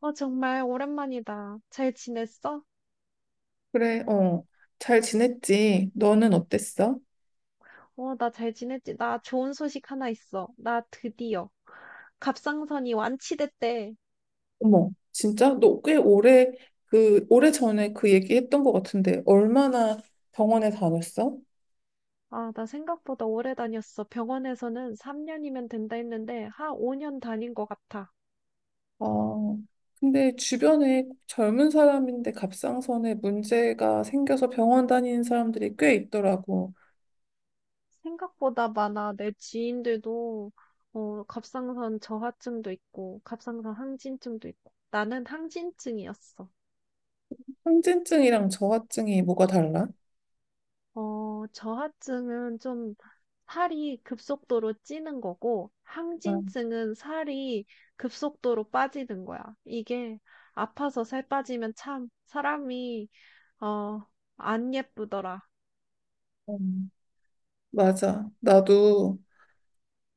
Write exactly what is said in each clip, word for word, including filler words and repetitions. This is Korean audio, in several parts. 어, 정말 오랜만이다. 잘 지냈어? 그래, 어. 잘 지냈지? 너는 어땠어? 어, 나 잘 지냈지. 나 좋은 소식 하나 있어. 나 드디어 갑상선이 완치됐대. 어머, 진짜? 너 꽤 오래, 그, 오래 전에 그 얘기 했던 것 같은데, 얼마나 병원에 다녔어? 아, 나 생각보다 오래 다녔어. 병원에서는 삼 년이면 된다 했는데, 한 오 년 다닌 것 같아. 아, 근데 주변에 젊은 사람인데 갑상선에 문제가 생겨서 병원 다니는 사람들이 꽤 있더라고. 생각보다 많아. 내 지인들도, 어, 갑상선 저하증도 있고, 갑상선 항진증도 있고. 나는 항진증이었어. 항진증이랑 저하증이 뭐가 달라? 어, 저하증은 좀 살이 급속도로 찌는 거고, 아, 항진증은 살이 급속도로 빠지는 거야. 이게 아파서 살 빠지면 참 사람이, 어, 안 예쁘더라. 음, 맞아. 나도,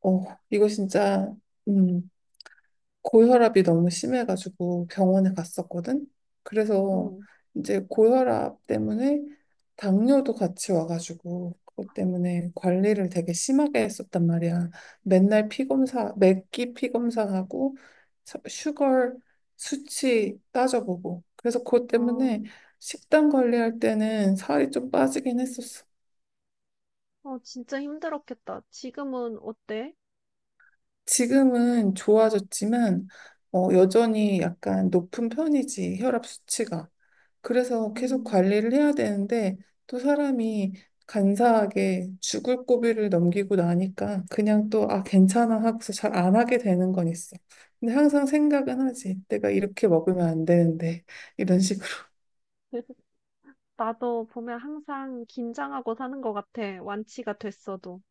어, 이거 진짜, 음. 고혈압이 너무 심해가지고 병원에 갔었거든. 그래서 응. 이제 고혈압 때문에 당뇨도 같이 와가지고 그것 때문에 관리를 되게 심하게 했었단 말이야. 맨날 피검사, 맥기 피검사하고 서- 슈거 수치 따져보고. 그래서 그것 어, 때문에 식단 관리할 때는 살이 좀 빠지긴 했었어. 어, 진짜 힘들었겠다. 지금은 어때? 지금은 좋아졌지만 어, 여전히 약간 높은 편이지, 혈압 수치가. 그래서 계속 음, 관리를 해야 되는데 또 사람이 간사하게 죽을 고비를 넘기고 나니까 그냥 또 아 괜찮아 하고서 잘 안 하게 되는 건 있어. 근데 항상 생각은 하지. 내가 이렇게 먹으면 안 되는데 이런 식으로. 나도 보면 항상 긴장하고 사는 것 같아. 완치가 됐어도.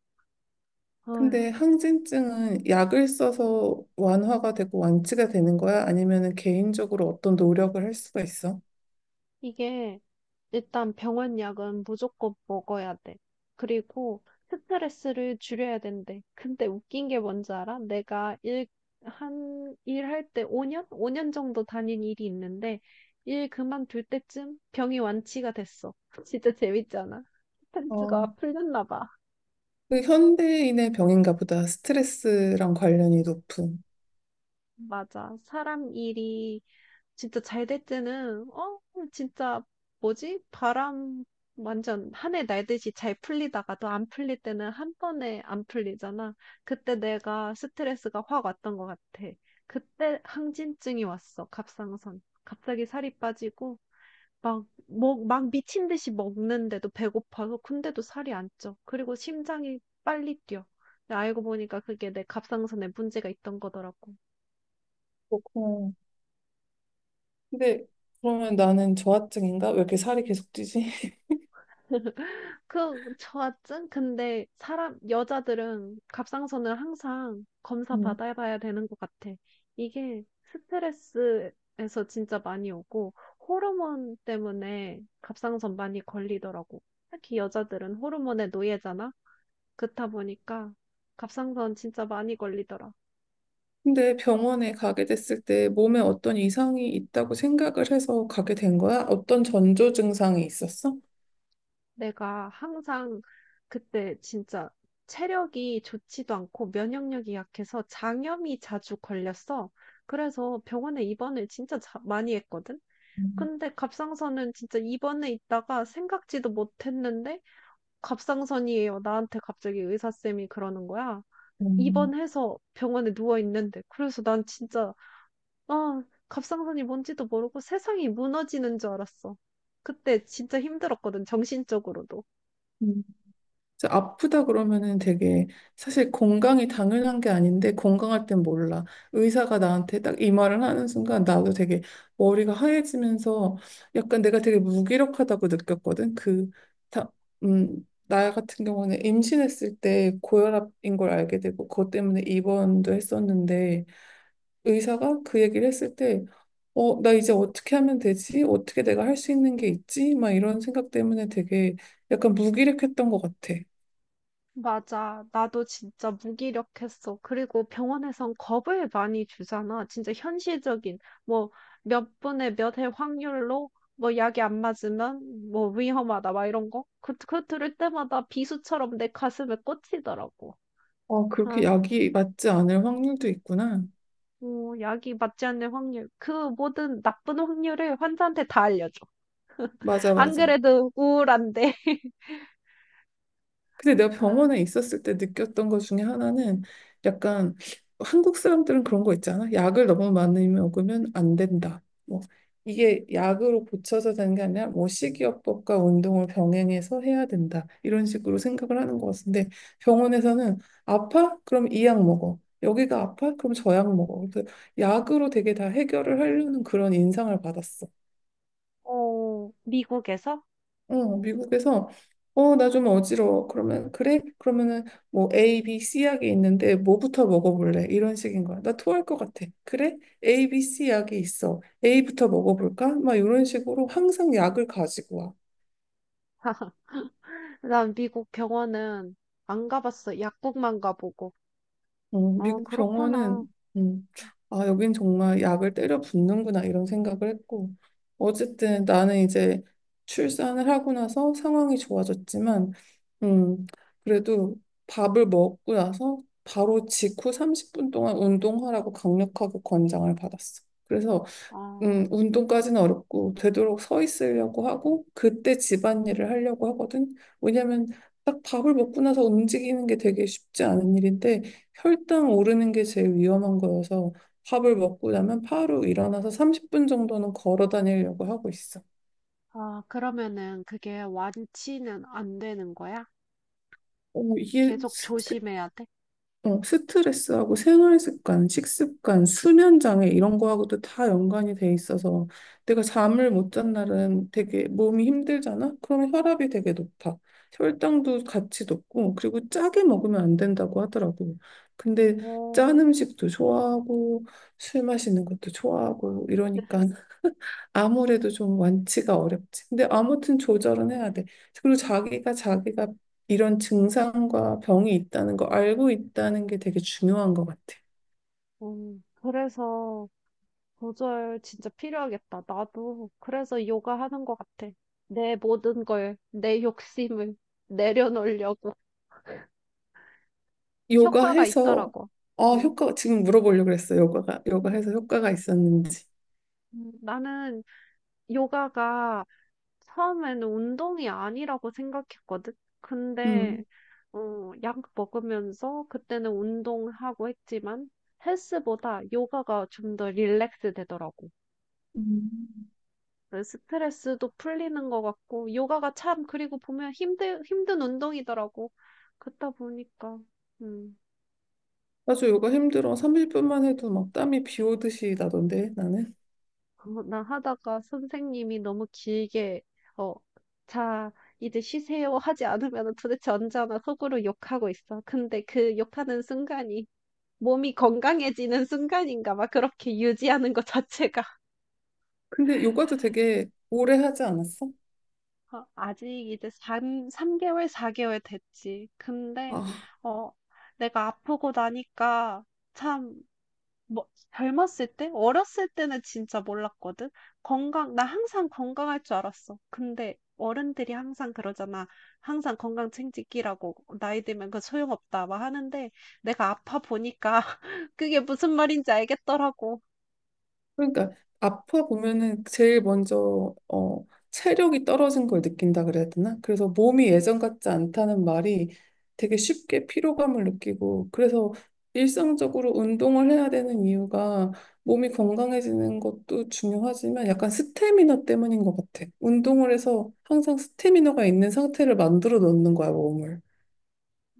어휴, 근데 항진증은 약을 써서 완화가 되고 완치가 되는 거야? 아니면은 개인적으로 어떤 노력을 할 수가 있어? 이게 일단 병원 약은 무조건 먹어야 돼. 그리고 스트레스를 줄여야 된대. 근데 웃긴 게 뭔지 알아? 내가 일, 한, 일할 때 오 년? 오 년 정도 다닌 일이 있는데, 일 그만둘 때쯤 병이 완치가 됐어. 진짜 재밌잖아. 어, 스트레스가 풀렸나 봐. 그 현대인의 병인가 보다. 스트레스랑 관련이 높은. 맞아. 사람 일이 진짜 잘 될 때는, 어, 진짜, 뭐지? 바람 완전 한 해 날듯이 잘 풀리다가도 안 풀릴 때는 한 번에 안 풀리잖아. 그때 내가 스트레스가 확 왔던 것 같아. 그때 항진증이 왔어, 갑상선. 갑자기 살이 빠지고, 막, 먹, 막 미친 듯이 먹는데도 배고파서, 근데도 살이 안 쪄. 그리고 심장이 빨리 뛰어. 근데 알고 보니까 그게 내 갑상선에 문제가 있던 거더라고. 그렇구나. 근데 그러면 나는 저하증인가? 왜 이렇게 살이 계속 찌지? 그 저하증? 근데 사람 여자들은 갑상선을 항상 검사 음. 받아봐야 되는 것 같아. 이게 스트레스에서 진짜 많이 오고 호르몬 때문에 갑상선 많이 걸리더라고. 특히 여자들은 호르몬의 노예잖아. 그렇다 보니까 갑상선 진짜 많이 걸리더라. 근데 병원에 가게 됐을 때 몸에 어떤 이상이 있다고 생각을 해서 가게 된 거야? 어떤 전조 증상이 있었어? 내가 항상 그때 진짜 체력이 좋지도 않고 면역력이 약해서 장염이 자주 걸렸어. 그래서 병원에 입원을 진짜 자- 많이 했거든. 음, 근데 갑상선은 진짜 입원해 있다가 생각지도 못했는데 갑상선이에요. 나한테 갑자기 의사쌤이 그러는 거야. 입원해서 병원에 누워 있는데. 그래서 난 진짜 아, 갑상선이 뭔지도 모르고 세상이 무너지는 줄 알았어. 그때 진짜 힘들었거든, 정신적으로도. 음. 그래서 아프다 그러면은 되게 사실 건강이 당연한 게 아닌데 건강할 땐 몰라. 의사가 나한테 딱 이 말을 하는 순간 나도 되게 머리가 하얘지면서 약간 내가 되게 무기력하다고 느꼈거든. 그, 다, 음, 나 같은 경우는 임신했을 때 고혈압인 걸 알게 되고 그것 때문에 입원도 했었는데 의사가 그 얘기를 했을 때 어, 나 이제 어떻게 하면 되지? 어떻게 내가 할 수 있는 게 있지? 막 이런 생각 때문에 되게 약간 무기력했던 것 같아. 맞아. 나도 진짜 무기력했어. 그리고 병원에선 겁을 많이 주잖아. 진짜 현실적인, 뭐, 몇 분의 몇 해 확률로, 뭐, 약이 안 맞으면, 뭐, 위험하다, 막 이런 거. 그, 그거 들을 때마다 비수처럼 내 가슴에 꽂히더라고. 어, 그렇게 아, 약이 맞지 않을 확률도 있구나. 뭐, 약이 맞지 않는 확률. 그 모든 나쁜 확률을 환자한테 다 알려줘. 맞아, 안 맞아. 그래도 우울한데. 근데 내가 아, 병원에 있었을 때 느꼈던 것 중에 하나는 약간 한국 사람들은 그런 거 있잖아. 약을 너무 많이 먹으면 안 된다. 뭐 이게 약으로 고쳐서 되는 게 아니라 뭐 식이요법과 운동을 병행해서 해야 된다. 이런 식으로 생각을 하는 것 같은데 병원에서는 아파? 그럼 이 약 먹어. 여기가 아파? 그럼 저 약 먹어. 그래서 약으로 되게 다 해결을 하려는 그런 인상을 받았어. 어, 미국에서? 어, 미국에서 어, 나 좀 어지러워. 그러면 그래? 그러면은 뭐 A, B, C 약이 있는데 뭐부터 먹어볼래? 이런 식인 거야. 나 토할 것 같아. 그래? A, B, C 약이 있어. A부터 먹어볼까? 막 이런 식으로 항상 약을 가지고 와. 난 미국 병원은 안 가봤어. 약국만 가보고. 어, 어, 미국 그렇구나. 병원은 음, 아 여긴 정말 약을 때려 붓는구나 이런 생각을 했고 어쨌든 나는 이제 출산을 하고 나서 상황이 좋아졌지만 음, 그래도 밥을 먹고 나서 바로 직후 삼십 분 동안 운동하라고 강력하게 권장을 받았어. 그래서 아, 음, 운동까지는 어렵고 되도록 서 있으려고 하고 그때 집안일을 하려고 하거든. 왜냐면 딱 밥을 먹고 나서 움직이는 게 되게 쉽지 않은 일인데 혈당 오르는 게 제일 위험한 거여서 밥을 먹고 나면 바로 일어나서 삼십 분 정도는 걸어 다니려고 하고 있어. 아, 그러면은 그게 완치는 안 되는 거야? 오, 이게 계속 조심해야 돼? 어, 스트레스하고 생활 습관, 식습관, 수면 장애 이런 거하고도 다 연관이 돼 있어서 내가 잠을 못 잔 날은 되게 몸이 힘들잖아? 그러면 혈압이 되게 높아. 혈당도 같이 높고 그리고 짜게 먹으면 안 된다고 하더라고. 근데 오 짠 음식도 좋아하고 술 마시는 것도 좋아하고 이러니까 아무래도 좀 완치가 어렵지. 근데 아무튼 조절은 해야 돼. 그리고 자기가 자기가 이런 증상과 병이 있다는 거 알고 있다는 게 되게 중요한 것 같아. 오, 그래서 조절 진짜 필요하겠다. 나도 그래서 요가 하는 것 같아. 내 모든 걸, 내 욕심을 내려놓으려고 요가 효과가 해서 있더라고. 아 음. 효과 지금 물어보려고 그랬어. 요가가 요가 음, 해서 효과가 있었는지. 음. 나는 요가가 처음에는 운동이 아니라고 생각했거든. 근데, 음. 어, 약 먹으면서 그때는 운동하고 했지만 헬스보다 요가가 좀 더 릴렉스 되더라고. 음. 그래서 스트레스도 풀리는 것 같고, 요가가 참, 그리고 보면 힘들, 힘든 운동이더라고. 그렇다 보니까, 음, 맞아 요가 힘들어. 삼십 분만 해도 막 땀이 비 오듯이 나던데 나는. 어, 나 하다가 선생님이 너무 길게, 어, 자, 이제 쉬세요 하지 않으면 도대체 언제 하나 속으로 욕하고 있어. 근데 그 욕하는 순간이 몸이 건강해지는 순간인가 막 그렇게 유지하는 것 자체가 근데 요가도 되게 오래 하지 않았어? 어, 아직 이제 3, 삼개월사개월 됐지. 근데 아 어 내가 아프고 나니까 참 뭐, 젊었을 때? 어렸을 때는 진짜 몰랐거든. 건강, 나 항상 건강할 줄 알았어. 근데 어른들이 항상 그러잖아. 항상 건강 챙기기라고 나이 들면 그 소용없다 막 하는데 내가 아파 보니까 그게 무슨 말인지 알겠더라고. 그러니까 아파 보면은 제일 먼저 어 체력이 떨어진 걸 느낀다 그래야 되나? 그래서 몸이 예전 같지 않다는 말이 되게 쉽게 피로감을 느끼고 그래서 일상적으로 운동을 해야 되는 이유가 몸이 건강해지는 것도 중요하지만 약간 스태미너 때문인 것 같아. 운동을 해서 항상 스태미너가 있는 상태를 만들어 놓는 거야, 몸을.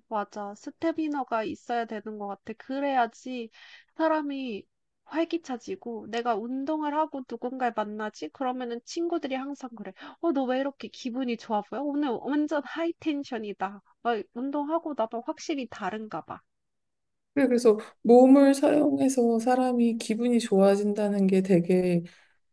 맞아. 스태미너가 있어야 되는 것 같아. 그래야지 사람이 활기차지고 내가 운동을 하고 누군가를 만나지? 그러면은 친구들이 항상 그래. 어, 너 왜 이렇게 기분이 좋아 보여? 오늘 완전 하이 텐션이다. 어, 운동하고 나면 확실히 다른가 봐. 그래, 그래서 몸을 사용해서 사람이 기분이 좋아진다는 게 되게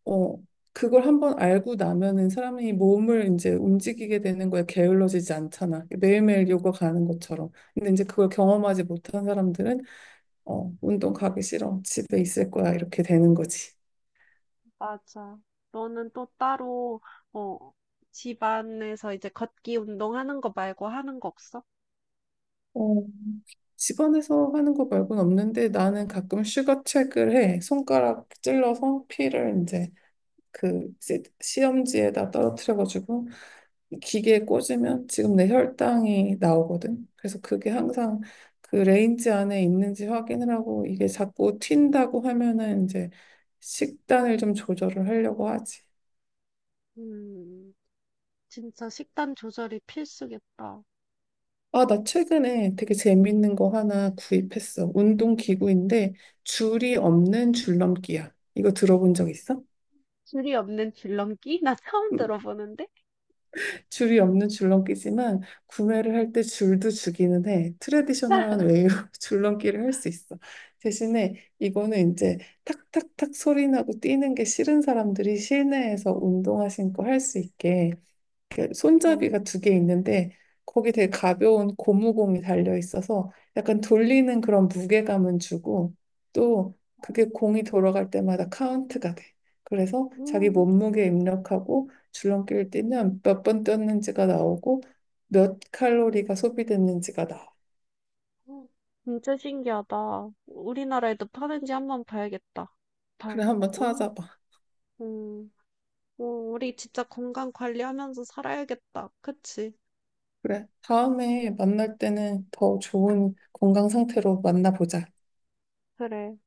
어, 그걸 한번 알고 나면은 사람이 몸을 이제 움직이게 되는 거에 게을러지지 않잖아. 매일매일 요가 가는 것처럼. 근데 이제 그걸 경험하지 못한 사람들은 어, 운동 가기 싫어. 집에 있을 거야. 이렇게 되는 거지. 맞아. 너는 또 따로 어, 집안에서 이제 걷기 운동하는 거 말고 하는 거 없어? 어, 집안에서 하는 거 말고는 없는데 나는 가끔 슈거책을 해. 손가락 찔러서 피를 이제 그 이제 시험지에다 떨어뜨려가지고 이 기계에 꽂으면 지금 내 혈당이 나오거든. 그래서 그게 항상 그 레인지 안에 있는지 확인을 하고 이게 자꾸 튄다고 하면은 이제 식단을 좀 조절을 하려고 하지. 음. 진짜 식단 조절이 필수겠다. 아, 나 최근에 되게 재밌는 거 하나 구입했어. 운동 기구인데 줄이 없는 줄넘기야. 이거 들어본 적 있어? 줄이 없는 줄넘기? 나 처음 들어보는데? 줄이 없는 줄넘기지만 구매를 할 때 줄도 주기는 해. 트레디셔널한 웨이로 줄넘기를 할 수 있어. 대신에 이거는 이제 탁탁탁 소리 나고 뛰는 게 싫은 사람들이 실내에서 운동화 신고 할 수 있게 이렇게 손잡이가 음, 두 개 있는데 거기 되게 음, 가벼운 고무공이 달려 있어서 약간 돌리는 그런 무게감은 주고 또 그게 공이 돌아갈 때마다 카운트가 돼. 그래서 자기 음, 몸무게 입력하고 줄넘기를 뛰면 몇 번 뛰었는지가 나오고 몇 칼로리가 소비됐는지가 나와. 음. 진짜 신기하다. 우리나라에도 파는지 한번 봐야겠다. 그래, 발. 한번 음, 찾아봐. 음, 음, 우리 진짜 건강 관리하면서 살아야겠다. 그치? 그래, 다음에 만날 때는 더 좋은 건강 상태로 만나보자. 그래.